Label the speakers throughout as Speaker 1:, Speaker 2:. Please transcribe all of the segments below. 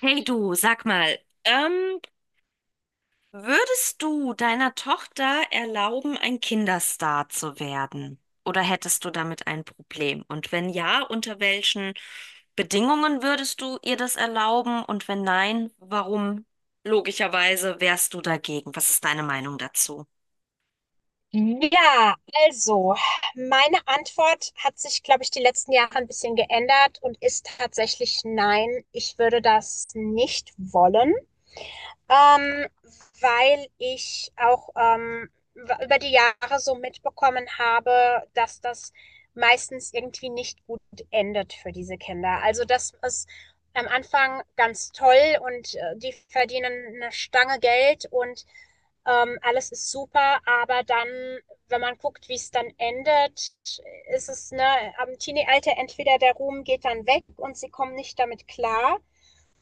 Speaker 1: Hey du, sag mal, ähm, würdest du deiner Tochter erlauben, ein Kinderstar zu werden? Oder hättest du damit ein Problem? Und wenn ja, unter welchen Bedingungen würdest du ihr das erlauben? Und wenn nein, warum logischerweise wärst du dagegen? Was ist deine Meinung dazu?
Speaker 2: Ja, also meine Antwort hat sich, glaube ich, die letzten Jahre ein bisschen geändert und ist tatsächlich nein, ich würde das nicht wollen. Ähm, Weil ich auch über die Jahre so mitbekommen habe, dass das meistens irgendwie nicht gut endet für diese Kinder. Also das ist am Anfang ganz toll und die verdienen eine Stange Geld und alles ist super, aber dann, wenn man guckt, wie es dann endet, ist es, ne, am Teenie-Alter entweder der Ruhm geht dann weg und sie kommen nicht damit klar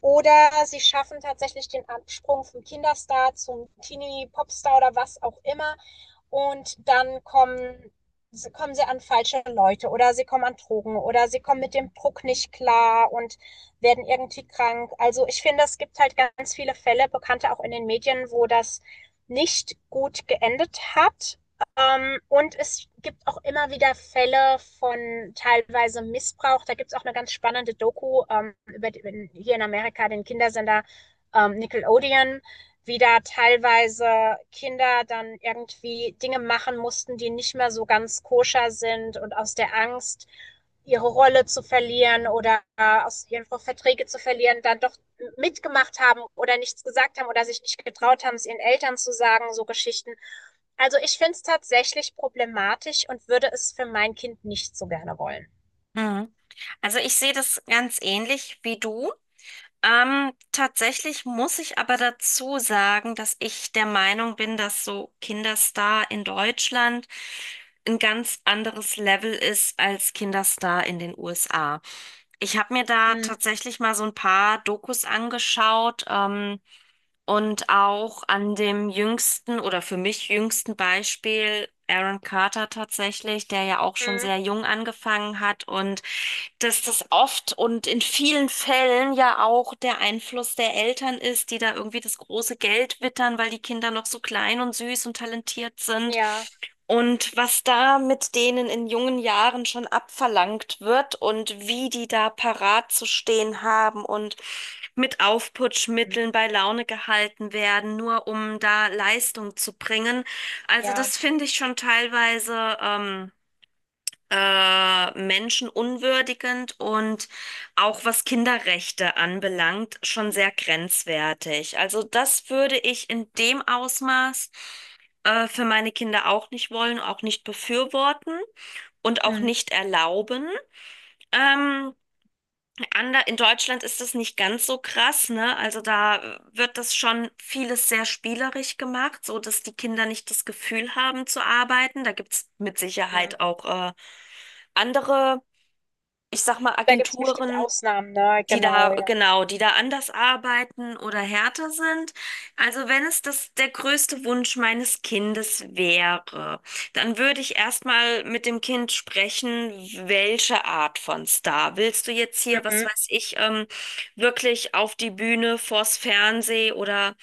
Speaker 2: oder sie schaffen tatsächlich den Absprung vom Kinderstar zum Teenie-Popstar oder was auch immer und kommen sie an falsche Leute oder sie kommen an Drogen oder sie kommen mit dem Druck nicht klar und werden irgendwie krank. Also ich finde, es gibt halt ganz viele Fälle, bekannte auch in den Medien, wo das nicht gut geendet hat. Und es gibt auch immer wieder Fälle von teilweise Missbrauch. Da gibt es auch eine ganz spannende Doku über die, hier in Amerika den Kindersender Nickelodeon, wie da teilweise Kinder dann irgendwie Dinge machen mussten, die nicht mehr so ganz koscher sind und aus der Angst, ihre Rolle zu verlieren oder aus ihren Verträge zu verlieren, dann doch mitgemacht haben oder nichts gesagt haben oder sich nicht getraut haben, es ihren Eltern zu sagen, so Geschichten. Also ich finde es tatsächlich problematisch und würde es für mein Kind nicht so gerne wollen.
Speaker 1: Mhm. Also ich sehe das ganz ähnlich wie du. Tatsächlich muss ich aber dazu sagen, dass ich der Meinung bin, dass so Kinderstar in Deutschland ein ganz anderes Level ist als Kinderstar in den USA. Ich habe mir da
Speaker 2: Mhm.
Speaker 1: tatsächlich mal so ein paar Dokus angeschaut, und auch an dem jüngsten oder für mich jüngsten Beispiel Aaron Carter tatsächlich, der ja auch schon
Speaker 2: Mhm.
Speaker 1: sehr jung angefangen hat, und dass das oft und in vielen Fällen ja auch der Einfluss der Eltern ist, die da irgendwie das große Geld wittern, weil die Kinder noch so klein und süß und talentiert sind.
Speaker 2: Ja.
Speaker 1: Und was da mit denen in jungen Jahren schon abverlangt wird und wie die da parat zu stehen haben und mit
Speaker 2: Mhm.
Speaker 1: Aufputschmitteln bei Laune gehalten werden, nur um da Leistung zu bringen. Also
Speaker 2: Ja.
Speaker 1: das finde ich schon teilweise menschenunwürdigend und auch, was Kinderrechte anbelangt, schon sehr grenzwertig. Also das würde ich in dem Ausmaß für meine Kinder auch nicht wollen, auch nicht befürworten und auch
Speaker 2: Mhm.
Speaker 1: nicht erlauben. Ähm, Ander in Deutschland ist das nicht ganz so krass, ne? Also da wird das schon vieles sehr spielerisch gemacht, so dass die Kinder nicht das Gefühl haben zu arbeiten. Da gibt's mit
Speaker 2: Mhm.
Speaker 1: Sicherheit auch andere, ich sag mal,
Speaker 2: Da gibt es bestimmt
Speaker 1: Agenturen,
Speaker 2: Ausnahmen, ne?
Speaker 1: die da,
Speaker 2: Genau, ja.
Speaker 1: genau, die da anders arbeiten oder härter sind. Also wenn es das der größte Wunsch meines Kindes wäre, dann würde ich erstmal mit dem Kind sprechen, welche Art von Star? Willst du jetzt hier, was
Speaker 2: Mhm.
Speaker 1: weiß ich, wirklich auf die Bühne, vors Fernsehen oder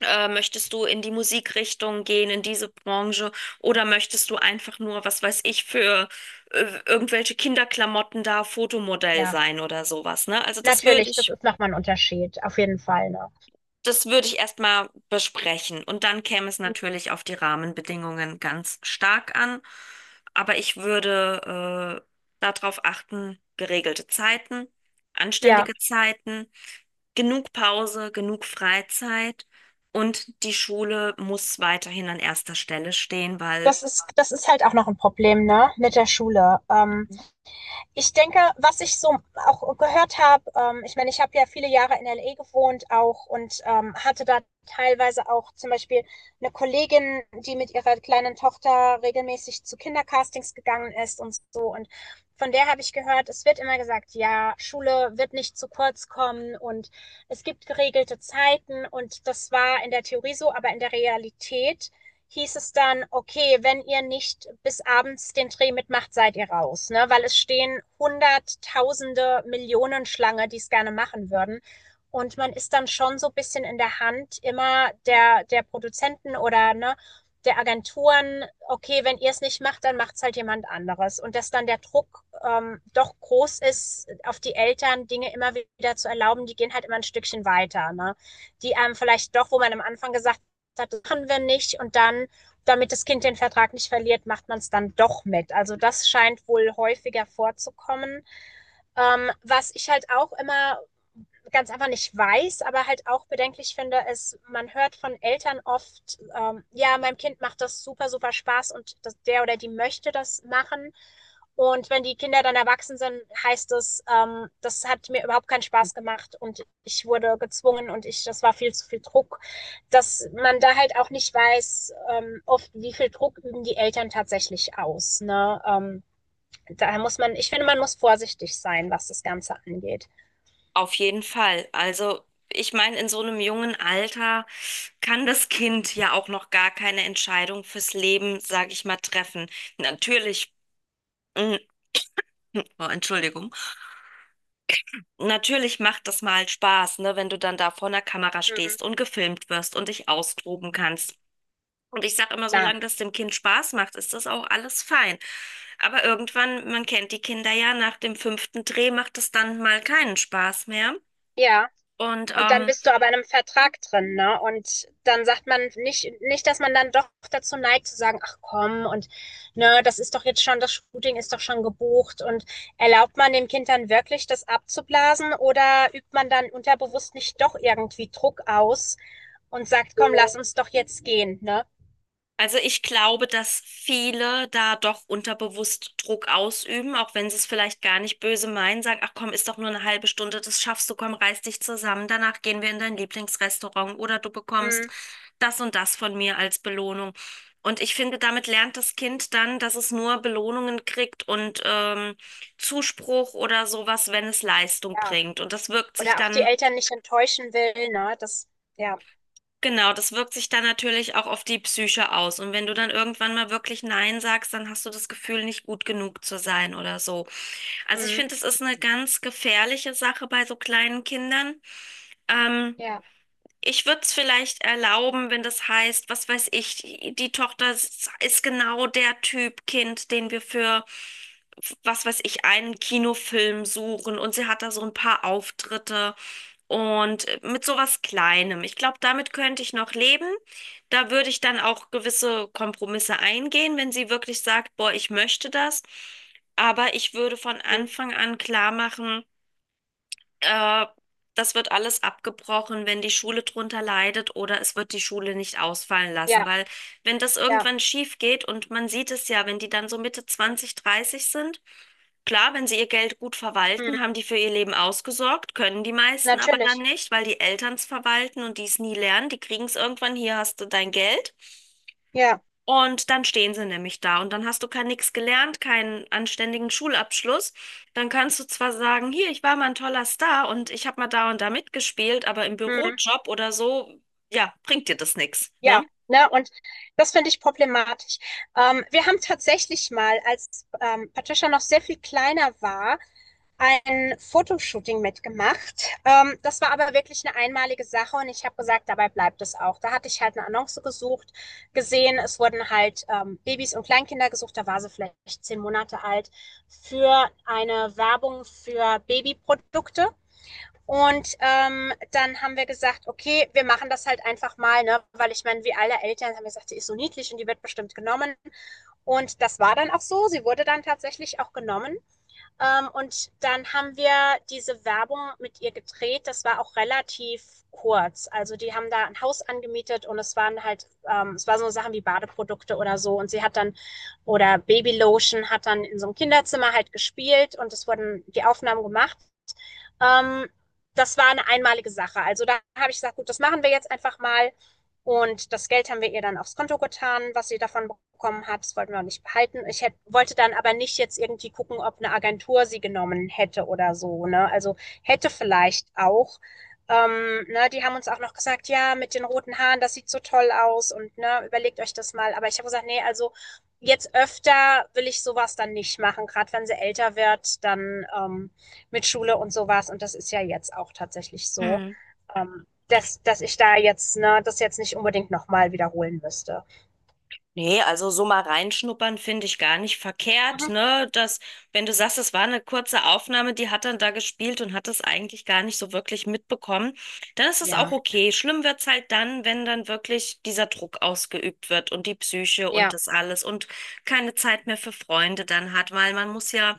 Speaker 1: möchtest du in die Musikrichtung gehen, in diese Branche, oder möchtest du einfach nur, was weiß ich, für irgendwelche Kinderklamotten da Fotomodell
Speaker 2: Ja,
Speaker 1: sein oder sowas, ne? Also
Speaker 2: natürlich, das ist nochmal ein Unterschied, auf jeden Fall, ne?
Speaker 1: das würde ich erstmal besprechen. Und dann käme es
Speaker 2: Mhm.
Speaker 1: natürlich auf die Rahmenbedingungen ganz stark an. Aber ich würde darauf achten: geregelte Zeiten,
Speaker 2: Ja,
Speaker 1: anständige Zeiten, genug Pause, genug Freizeit, und die Schule muss weiterhin an erster Stelle stehen, weil,
Speaker 2: das ist halt auch noch ein Problem, ne, mit der Schule. Ich denke, was ich so auch gehört habe, ich meine, ich habe ja viele Jahre in LA gewohnt auch und hatte da teilweise auch zum Beispiel eine Kollegin, die mit ihrer kleinen Tochter regelmäßig zu Kindercastings gegangen ist und so. Und von der habe ich gehört, es wird immer gesagt, ja, Schule wird nicht zu kurz kommen und es gibt geregelte Zeiten und das war in der Theorie so, aber in der Realität hieß es dann, okay, wenn ihr nicht bis abends den Dreh mitmacht, seid ihr raus, ne? Weil es stehen Hunderttausende, Millionen Schlange, die es gerne machen würden. Und man ist dann schon so ein bisschen in der Hand immer der Produzenten oder ne, der Agenturen, okay, wenn ihr es nicht macht, dann macht es halt jemand anderes. Und dass dann der Druck doch groß ist, auf die Eltern Dinge immer wieder zu erlauben, die gehen halt immer ein Stückchen weiter. Ne? Die einem vielleicht doch, wo man am Anfang gesagt hat, das machen wir nicht. Und dann, damit das Kind den Vertrag nicht verliert, macht man es dann doch mit. Also das scheint wohl häufiger vorzukommen. Was ich halt auch immer ganz einfach nicht weiß, aber halt auch bedenklich finde, ist, man hört von Eltern oft, ja, meinem Kind macht das super, super Spaß und das, der oder die möchte das machen. Und wenn die Kinder dann erwachsen sind, heißt es, das hat mir überhaupt keinen Spaß gemacht und ich wurde gezwungen und das war viel zu viel Druck, dass man da halt auch nicht weiß, oft wie viel Druck üben die Eltern tatsächlich aus. Ne? Daher muss man, ich finde, man muss vorsichtig sein, was das Ganze angeht.
Speaker 1: auf jeden Fall, also ich meine, in so einem jungen Alter kann das Kind ja auch noch gar keine Entscheidung fürs Leben, sage ich mal, treffen. Natürlich. mm, Oh, Entschuldigung. Natürlich macht das mal Spaß, ne, wenn du dann da vor einer Kamera stehst und gefilmt wirst und dich austoben kannst. Und ich sage immer,
Speaker 2: Klar,
Speaker 1: solange das dem Kind Spaß macht, ist das auch alles fein. Aber irgendwann, man kennt die Kinder ja, nach dem fünften Dreh macht es dann mal keinen Spaß mehr.
Speaker 2: ja.
Speaker 1: Und
Speaker 2: Und dann
Speaker 1: ähm,
Speaker 2: bist du aber in einem Vertrag drin, ne? Und dann sagt man nicht, dass man dann doch dazu neigt zu sagen: „Ach komm und ne, das Shooting ist doch schon gebucht.“ Und erlaubt man dem Kind dann wirklich, das abzublasen oder übt man dann unterbewusst nicht doch irgendwie Druck aus und sagt: „Komm, lass uns doch jetzt gehen“, ne?
Speaker 1: Also ich glaube, dass viele da doch unterbewusst Druck ausüben, auch wenn sie es vielleicht gar nicht böse meinen, sagen, ach komm, ist doch nur eine halbe Stunde, das schaffst du, komm, reiß dich zusammen, danach gehen wir in dein Lieblingsrestaurant oder du bekommst
Speaker 2: Mhm,
Speaker 1: das und das von mir als Belohnung. Und ich finde, damit lernt das Kind dann, dass es nur Belohnungen kriegt und Zuspruch oder sowas, wenn es Leistung
Speaker 2: ja.
Speaker 1: bringt. Und das wirkt sich
Speaker 2: Oder auch die
Speaker 1: dann,
Speaker 2: Eltern nicht enttäuschen will, ne? Das ja,
Speaker 1: genau, das wirkt sich dann natürlich auch auf die Psyche aus. Und wenn du dann irgendwann mal wirklich nein sagst, dann hast du das Gefühl, nicht gut genug zu sein oder so. Also ich
Speaker 2: mhm,
Speaker 1: finde, es ist eine ganz gefährliche Sache bei so kleinen Kindern. Ähm,
Speaker 2: ja,
Speaker 1: Ich würde es vielleicht erlauben, wenn das heißt, was weiß ich, die Tochter ist genau der Typ Kind, den wir für, was weiß ich, einen Kinofilm suchen, und sie hat da so ein paar Auftritte. Und mit sowas Kleinem. Ich glaube, damit könnte ich noch leben. Da würde ich dann auch gewisse Kompromisse eingehen, wenn sie wirklich sagt, boah, ich möchte das. Aber ich würde von
Speaker 2: mhm,
Speaker 1: Anfang an klar machen, äh, das wird alles abgebrochen, wenn die Schule drunter leidet, oder es wird die Schule nicht ausfallen lassen,
Speaker 2: ja.
Speaker 1: weil wenn das
Speaker 2: Ja,
Speaker 1: irgendwann schief geht, und man sieht es ja, wenn die dann so Mitte 20, 30 sind. Klar, wenn sie ihr Geld gut verwalten,
Speaker 2: mhm.
Speaker 1: haben die für ihr Leben ausgesorgt, können die meisten aber dann
Speaker 2: Natürlich.
Speaker 1: nicht, weil die Eltern es verwalten und die es nie lernen. Die kriegen es irgendwann, hier hast du dein Geld.
Speaker 2: Ja,
Speaker 1: Und dann stehen sie nämlich da und dann hast du kein, nix gelernt, keinen anständigen Schulabschluss. Dann kannst du zwar sagen, hier, ich war mal ein toller Star und ich habe mal da und da mitgespielt, aber im
Speaker 2: mhm.
Speaker 1: Bürojob oder so, ja, bringt dir das nix,
Speaker 2: Ja,
Speaker 1: ne?
Speaker 2: ne, und das finde ich problematisch. Wir haben tatsächlich mal, als Patricia noch sehr viel kleiner war, ein Fotoshooting mitgemacht. Das war aber wirklich eine einmalige Sache und ich habe gesagt, dabei bleibt es auch. Da hatte ich halt eine gesehen, es wurden halt Babys und Kleinkinder gesucht, da war sie vielleicht 10 Monate alt, für eine Werbung für Babyprodukte. Und dann haben wir gesagt, okay, wir machen das halt einfach mal, ne? Weil ich meine, wie alle Eltern haben wir gesagt, die ist so niedlich und die wird bestimmt genommen. Und das war dann auch so, sie wurde dann tatsächlich auch genommen. Und dann haben wir diese Werbung mit ihr gedreht, das war auch relativ kurz. Also die haben da ein Haus angemietet und es waren halt, es waren so Sachen wie Badeprodukte oder so. Und oder Babylotion hat dann in so einem Kinderzimmer halt gespielt und es wurden die Aufnahmen gemacht. Ähm, Das war eine einmalige Sache. Also da habe ich gesagt, gut, das machen wir jetzt einfach mal. Und das Geld haben wir ihr dann aufs Konto getan, was sie davon bekommen hat. Das wollten wir auch nicht behalten. Wollte dann aber nicht jetzt irgendwie gucken, ob eine Agentur sie genommen hätte oder so. Ne? Also hätte vielleicht auch. Ne, die haben uns auch noch gesagt, ja, mit den roten Haaren, das sieht so toll aus und ne, überlegt euch das mal. Aber ich habe gesagt, nee, also jetzt öfter will ich sowas dann nicht machen. Gerade wenn sie älter wird, dann mit Schule und sowas. Und das ist ja jetzt auch tatsächlich so, dass ich da jetzt, ne, das jetzt nicht unbedingt nochmal wiederholen müsste.
Speaker 1: Nee, also so mal reinschnuppern finde ich gar nicht verkehrt,
Speaker 2: Mhm.
Speaker 1: ne? Dass, wenn du sagst, es war eine kurze Aufnahme, die hat dann da gespielt und hat es eigentlich gar nicht so wirklich mitbekommen, dann ist es auch
Speaker 2: Ja,
Speaker 1: okay. Schlimm wird's halt dann, wenn dann wirklich dieser Druck ausgeübt wird und die Psyche und
Speaker 2: ja,
Speaker 1: das alles, und keine Zeit mehr für Freunde dann hat, weil man muss ja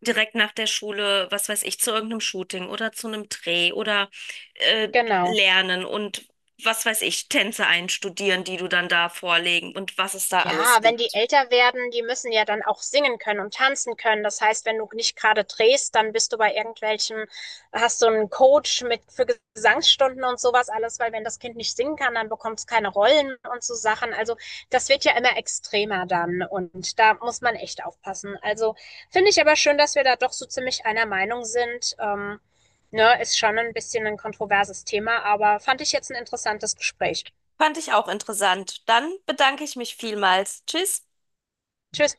Speaker 1: direkt nach der Schule, was weiß ich, zu irgendeinem Shooting oder zu einem Dreh oder äh,
Speaker 2: genau.
Speaker 1: lernen und, was weiß ich, Tänze einstudieren, die du dann da vorlegen, und was es da
Speaker 2: Ja,
Speaker 1: alles
Speaker 2: wenn die
Speaker 1: gibt.
Speaker 2: älter werden, die müssen ja dann auch singen können und tanzen können. Das heißt, wenn du nicht gerade drehst, dann bist du bei irgendwelchen, hast du einen Coach mit für Gesangsstunden und sowas alles, weil wenn das Kind nicht singen kann, dann bekommt es keine Rollen und so Sachen. Also das wird ja immer extremer dann und da muss man echt aufpassen. Also finde ich aber schön, dass wir da doch so ziemlich einer Meinung sind. Ne, ist schon ein bisschen ein kontroverses Thema, aber fand ich jetzt ein interessantes Gespräch.
Speaker 1: Fand ich auch interessant. Dann bedanke ich mich vielmals. Tschüss.
Speaker 2: Tschüss.